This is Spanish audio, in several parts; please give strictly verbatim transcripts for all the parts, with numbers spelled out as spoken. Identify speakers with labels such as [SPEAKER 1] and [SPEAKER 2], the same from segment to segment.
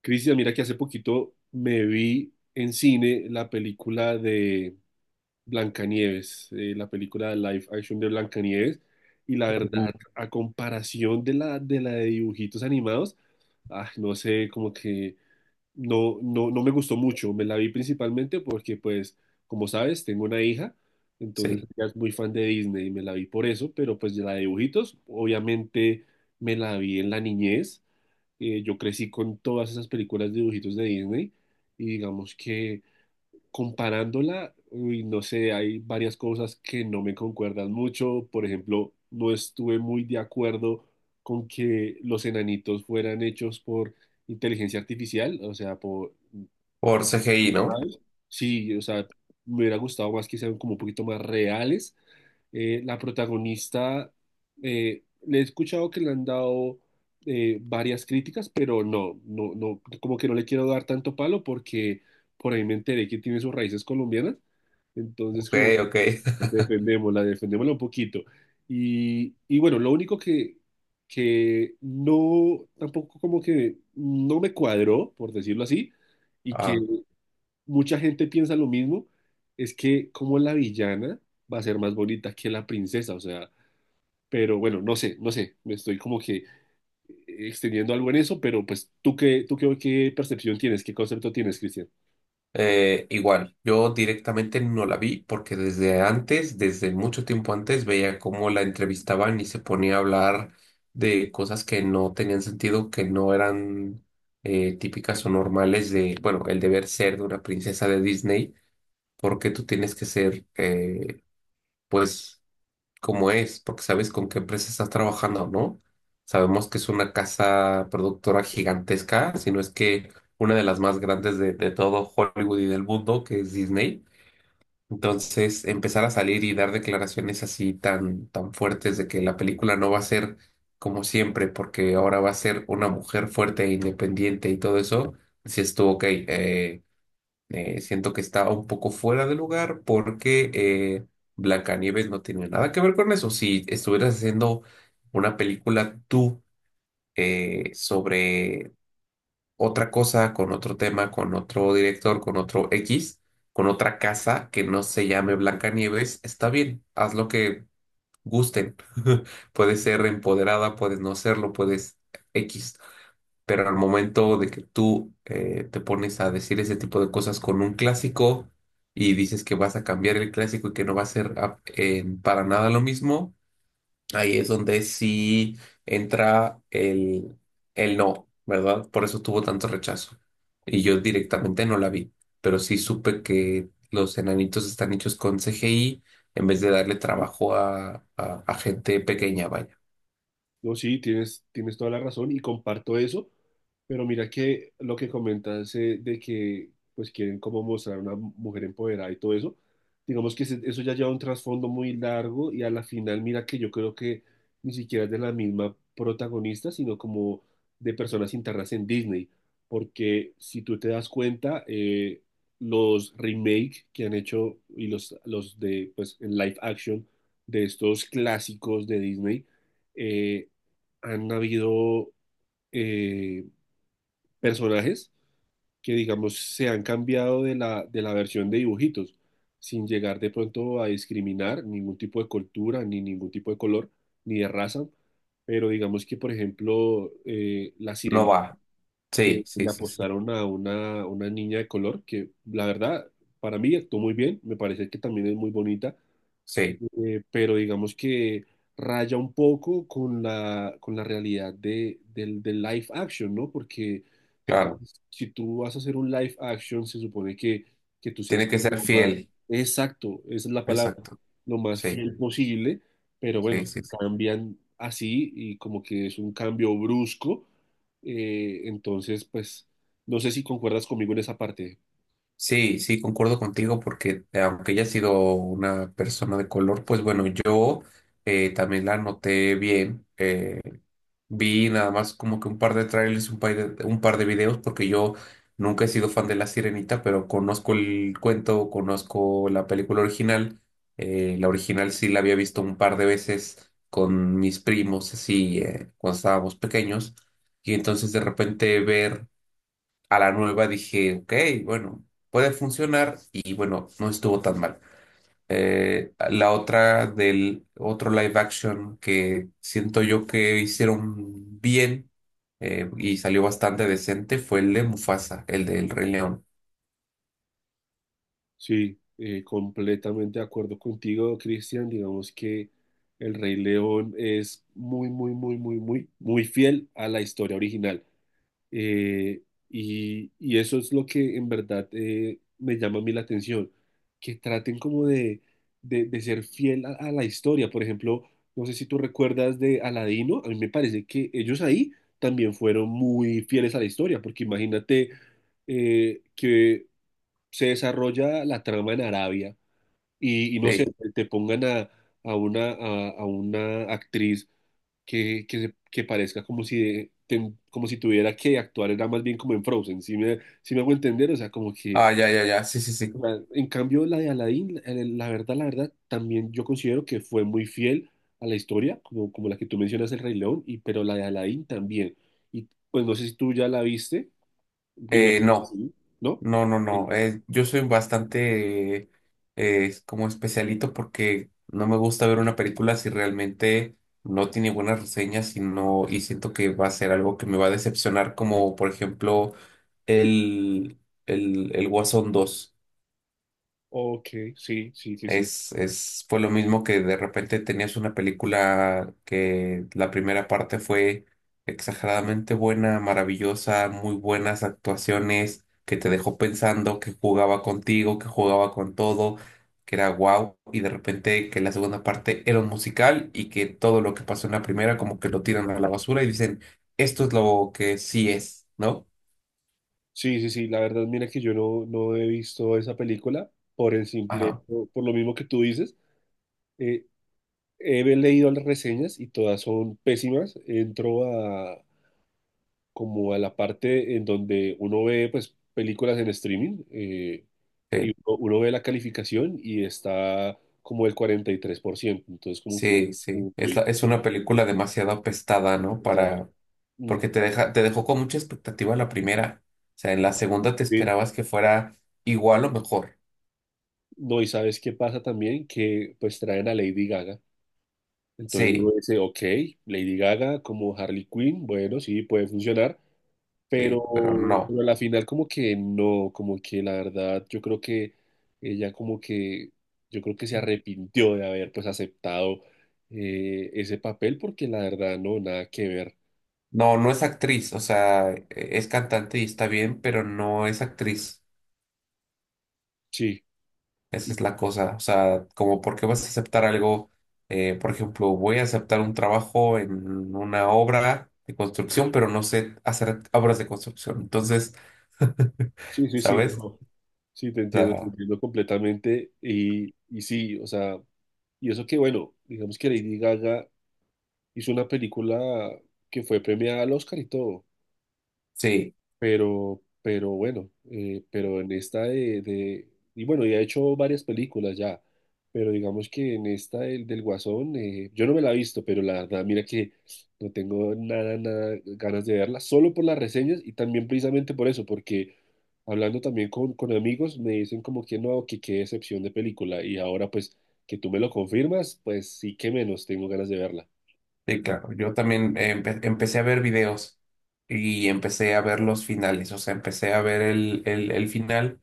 [SPEAKER 1] Cristian, mira que hace poquito me vi en cine la película de Blancanieves. Eh, la película de live action de Blancanieves, y la
[SPEAKER 2] Uh,
[SPEAKER 1] verdad, a comparación de la de la de dibujitos animados, ah, no sé, como que no, no, no me gustó mucho. Me la vi principalmente porque, pues, como sabes, tengo una hija. Entonces
[SPEAKER 2] Sí,
[SPEAKER 1] ella es muy fan de Disney y me la vi por eso, pero pues de la de dibujitos, obviamente me la vi en la niñez. Eh, yo crecí con todas esas películas de dibujitos de Disney y digamos que comparándola, uy, no sé, hay varias cosas que no me concuerdan mucho. Por ejemplo, no estuve muy de acuerdo con que los enanitos fueran hechos por inteligencia artificial, o sea, por,
[SPEAKER 2] por C G I, ¿no?
[SPEAKER 1] ¿sabes? Sí, o sea, me hubiera gustado más que sean como un poquito más reales, eh, la protagonista, eh, le he escuchado que le han dado, eh, varias críticas, pero no, no, no, como que no le quiero dar tanto palo porque por ahí me enteré que tiene sus raíces colombianas. Entonces,
[SPEAKER 2] Ok,
[SPEAKER 1] como que
[SPEAKER 2] ok.
[SPEAKER 1] defendémosla, defendémosla un poquito. Y, y bueno, lo único que, que no, tampoco como que no me cuadró, por decirlo así, y que
[SPEAKER 2] Ah,
[SPEAKER 1] mucha gente piensa lo mismo, es que como la villana va a ser más bonita que la princesa, o sea, pero bueno, no sé, no sé, me estoy como que extendiendo algo en eso, pero pues tú qué, tú qué, qué percepción tienes, qué concepto tienes, Cristian.
[SPEAKER 2] eh, igual, yo directamente no la vi porque desde antes, desde mucho tiempo antes, veía cómo la entrevistaban y se ponía a hablar de cosas que no tenían sentido, que no eran eh, típicas o normales de, bueno, el deber ser de una princesa de Disney, porque tú tienes que ser, eh, pues cómo es, porque sabes con qué empresa estás trabajando, ¿no? Sabemos que es una casa productora gigantesca, si no es que una de las más grandes de, de todo Hollywood y del mundo, que es Disney. Entonces, empezar a salir y dar declaraciones así tan, tan fuertes de que la película no va a ser como siempre, porque ahora va a ser una mujer fuerte e independiente y todo eso, si estuvo ok. Eh, eh, siento que está un poco fuera de lugar porque eh, Blancanieves no tiene nada que ver con eso. Si estuvieras haciendo una película tú eh, sobre otra cosa, con otro tema, con otro director, con otro X, con otra casa que no se llame Blancanieves, está bien, haz lo que gusten. Puedes ser empoderada, puedes no serlo, puedes X. Pero al momento de que tú eh, te pones a decir ese tipo de cosas con un clásico y dices que vas a cambiar el clásico y que no va a ser ah, eh, para nada lo mismo, ahí es donde sí entra el, el no, ¿verdad? Por eso tuvo tanto rechazo. Y yo directamente no la vi, pero sí supe que los enanitos están hechos con C G I en vez de darle trabajo a, a a gente pequeña, vaya.
[SPEAKER 1] No, sí, tienes, tienes toda la razón y comparto eso, pero mira que lo que comentas, eh, de que pues quieren como mostrar una mujer empoderada y todo eso, digamos que se- eso ya lleva un trasfondo muy largo, y a la final mira que yo creo que ni siquiera es de la misma protagonista, sino como de personas internas en Disney, porque si tú te das cuenta, eh, los remake que han hecho y los, los de pues en live action de estos clásicos de Disney, eh, han habido, eh, personajes que, digamos, se han cambiado de la, de la versión de dibujitos, sin llegar de pronto a discriminar ningún tipo de cultura, ni ningún tipo de color, ni de raza. Pero digamos que, por ejemplo, eh, la
[SPEAKER 2] No
[SPEAKER 1] Sirenita,
[SPEAKER 2] va.
[SPEAKER 1] que
[SPEAKER 2] Sí, sí,
[SPEAKER 1] le
[SPEAKER 2] sí, sí.
[SPEAKER 1] apostaron a una, una niña de color, que la verdad, para mí actuó muy bien, me parece que también es muy bonita,
[SPEAKER 2] Sí,
[SPEAKER 1] eh, pero digamos que raya un poco con la, con la realidad de, del, del live action, ¿no? Porque si tú,
[SPEAKER 2] claro.
[SPEAKER 1] si tú vas a hacer un live action, se supone que, que tú seas
[SPEAKER 2] Tiene que
[SPEAKER 1] como lo
[SPEAKER 2] ser
[SPEAKER 1] más,
[SPEAKER 2] fiel.
[SPEAKER 1] exacto, esa es la palabra,
[SPEAKER 2] Exacto.
[SPEAKER 1] lo más
[SPEAKER 2] Sí,
[SPEAKER 1] fiel posible, pero bueno,
[SPEAKER 2] sí, sí, sí.
[SPEAKER 1] cambian así y como que es un cambio brusco. Eh, entonces pues no sé si concuerdas conmigo en esa parte.
[SPEAKER 2] Sí, sí, concuerdo contigo porque eh, aunque ella ha sido una persona de color, pues bueno, yo eh, también la noté bien. eh, Vi nada más como que un par de trailers, un par de, un par de videos, porque yo nunca he sido fan de La Sirenita, pero conozco el cuento, conozco la película original. Eh, la original sí la había visto un par de veces con mis primos, así, eh, cuando estábamos pequeños. Y entonces de repente ver a la nueva dije, ok, bueno, puede funcionar y bueno, no estuvo tan mal. Eh, la otra del otro live action que siento yo que hicieron bien eh, y salió bastante decente fue el de Mufasa, el del Rey León.
[SPEAKER 1] Sí, eh, completamente de acuerdo contigo, Cristian. Digamos que el Rey León es muy, muy, muy, muy, muy, muy fiel a la historia original. Eh, y, y eso es lo que en verdad, eh, me llama a mí la atención, que traten como de, de, de ser fiel a, a la historia. Por ejemplo, no sé si tú recuerdas de Aladino, a mí me parece que ellos ahí también fueron muy fieles a la historia, porque imagínate, eh, que se desarrolla la trama en Arabia y, y no sé,
[SPEAKER 2] Sí.
[SPEAKER 1] te te pongan a, a una, a, a una actriz que, que, se- que parezca como si, de- ten- como si tuviera que actuar, era más bien como en Frozen, si me, si me hago entender? O sea, como que,
[SPEAKER 2] Ah, ya, ya, ya. Sí, sí,
[SPEAKER 1] o
[SPEAKER 2] sí.
[SPEAKER 1] sea, en cambio la de Aladdin, la la verdad, la verdad, también yo considero que fue muy fiel a la historia, como, como la que tú mencionas, El Rey León, y, pero la de Aladdin también. Y pues no sé si tú ya la viste, me
[SPEAKER 2] Eh,
[SPEAKER 1] imagino que
[SPEAKER 2] no.
[SPEAKER 1] sí, ¿no?
[SPEAKER 2] No, no,
[SPEAKER 1] Sí.
[SPEAKER 2] no. Eh, yo soy bastante eh, como especialito porque no me gusta ver una película si realmente no tiene buenas reseñas y no, y siento que va a ser algo que me va a decepcionar, como por ejemplo el, el, el Guasón dos.
[SPEAKER 1] Ok, sí, sí, sí, sí.
[SPEAKER 2] Es, es, fue lo mismo que de repente tenías una película que la primera parte fue exageradamente buena, maravillosa, muy buenas actuaciones, que te dejó pensando, que jugaba contigo, que jugaba con todo, que era guau, y de repente que la segunda parte era un musical y que todo lo que pasó en la primera como que lo tiran a la basura y dicen, esto es lo que sí es, ¿no?
[SPEAKER 1] Sí, sí, sí, la verdad, mira que yo no, no he visto esa película por el simple,
[SPEAKER 2] Ajá.
[SPEAKER 1] por por lo mismo que tú dices. Eh, he leído las reseñas y todas son pésimas. Entro a, como, a la parte en donde uno ve pues películas en streaming, eh, y uno, uno ve la calificación y está como el cuarenta y tres por ciento. Entonces como que uno-
[SPEAKER 2] Sí, sí. Es,
[SPEAKER 1] uy,
[SPEAKER 2] la- es
[SPEAKER 1] pues,
[SPEAKER 2] una película demasiado apestada, ¿no?
[SPEAKER 1] o sea,
[SPEAKER 2] Para,
[SPEAKER 1] mm,
[SPEAKER 2] porque te deja, te dejó con mucha expectativa la primera. O sea, en la segunda te
[SPEAKER 1] sí.
[SPEAKER 2] esperabas que fuera igual o mejor.
[SPEAKER 1] No, y sabes qué pasa también, que pues traen a Lady Gaga. Entonces uno
[SPEAKER 2] Sí,
[SPEAKER 1] dice, ok, Lady Gaga como Harley Quinn, bueno, sí, puede funcionar, pero,
[SPEAKER 2] sí, pero no.
[SPEAKER 1] pero a la final como que no, como que la verdad yo creo que ella como que, yo creo que se arrepintió de haber pues aceptado, eh, ese papel porque la verdad no, nada que ver.
[SPEAKER 2] No, no es actriz. O sea, e- es cantante y está bien, pero no es actriz.
[SPEAKER 1] Sí,
[SPEAKER 2] Esa es la cosa. O sea, como por qué vas a aceptar algo, eh, por ejemplo, voy a aceptar un trabajo en una obra de construcción, pero no sé hacer obras de construcción. Entonces,
[SPEAKER 1] sí, sí, sí,
[SPEAKER 2] ¿sabes?
[SPEAKER 1] no, sí, te entiendo, te
[SPEAKER 2] Sea,
[SPEAKER 1] entiendo completamente y, y sí, o sea, y eso que bueno, digamos que Lady Gaga hizo una película que fue premiada al Oscar y todo.
[SPEAKER 2] sí,
[SPEAKER 1] Pero, pero bueno, eh, pero en esta de, de- y bueno, ya ha hecho varias películas ya, pero digamos que en esta del, del Guasón, eh, yo no me la he visto, pero la verdad, mira que no tengo nada, nada ganas de verla, solo por las reseñas y también precisamente por eso, porque hablando también con, con amigos me dicen como que no, que qué decepción de película, y ahora pues que tú me lo confirmas, pues sí que menos tengo ganas de verla.
[SPEAKER 2] sí, claro. Yo también empe- empecé a ver videos y empecé a ver los finales. O sea, empecé a ver el, el, el final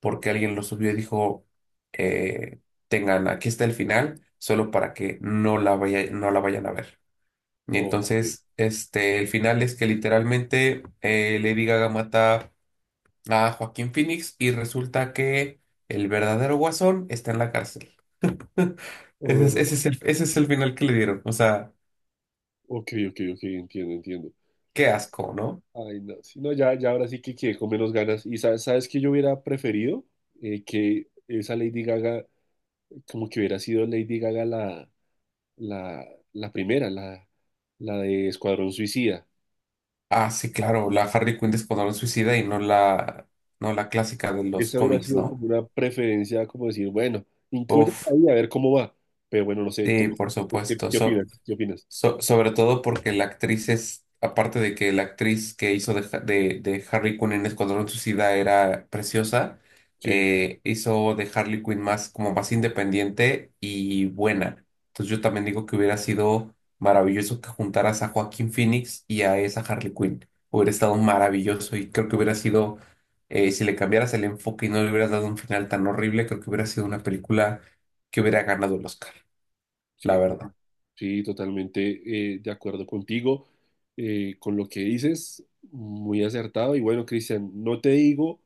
[SPEAKER 2] porque alguien lo subió y dijo, eh, tengan, aquí está el final, solo para que no la vaya, no la vayan a ver. Y
[SPEAKER 1] Ok,
[SPEAKER 2] entonces, este, el final es que literalmente eh, Lady Gaga mata a Joaquín Phoenix y resulta que el verdadero Guasón está en la cárcel. Ese es,
[SPEAKER 1] oh,
[SPEAKER 2] ese es el, ese es el final que le dieron. O sea,
[SPEAKER 1] ok, ok, ok, entiendo, entiendo.
[SPEAKER 2] qué asco, ¿no?
[SPEAKER 1] Ay, no, sí, no, ya, ya ahora sí que quedé con menos ganas. Y sabes, sabes que yo hubiera preferido. Eh, que esa Lady Gaga, como que hubiera sido Lady Gaga la, la, la primera, la, la de Escuadrón Suicida.
[SPEAKER 2] Ah, sí, claro, la Harley Quinn de Escuadrón Suicida y no la, no la clásica de los
[SPEAKER 1] Esa hubiera
[SPEAKER 2] cómics,
[SPEAKER 1] sido
[SPEAKER 2] ¿no?
[SPEAKER 1] como una preferencia, como decir, bueno, incluye
[SPEAKER 2] Uf,
[SPEAKER 1] ahí a ver cómo va. Pero bueno, no sé, ¿tú,
[SPEAKER 2] sí, por
[SPEAKER 1] tú qué,
[SPEAKER 2] supuesto.
[SPEAKER 1] qué
[SPEAKER 2] So-
[SPEAKER 1] opinas? ¿Qué opinas?
[SPEAKER 2] So- sobre todo porque la actriz es, aparte de que la actriz que hizo de, Ha- de, de Harley Quinn en Escuadrón Suicida era preciosa,
[SPEAKER 1] Sí,
[SPEAKER 2] eh, hizo de Harley Quinn más, como más independiente y buena. Entonces yo también digo que hubiera sido maravilloso que juntaras a Joaquín Phoenix y a esa Harley Quinn. Hubiera estado maravilloso y creo que hubiera sido, eh, si le cambiaras el enfoque y no le hubieras dado un final tan horrible, creo que hubiera sido una película que hubiera ganado el Oscar, la
[SPEAKER 1] sí,
[SPEAKER 2] verdad,
[SPEAKER 1] sí, totalmente, eh, de acuerdo contigo, eh, con lo que dices, muy acertado. Y bueno, Cristian, no te digo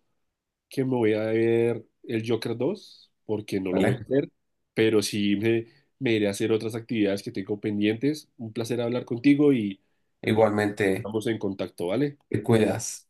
[SPEAKER 1] que me voy a ver el Joker dos porque no lo voy a
[SPEAKER 2] ¿vale?
[SPEAKER 1] hacer, pero sí me, me iré a hacer otras actividades que tengo pendientes. Un placer hablar contigo y, y
[SPEAKER 2] Igualmente.
[SPEAKER 1] estamos en contacto, ¿vale?
[SPEAKER 2] Te cuidas.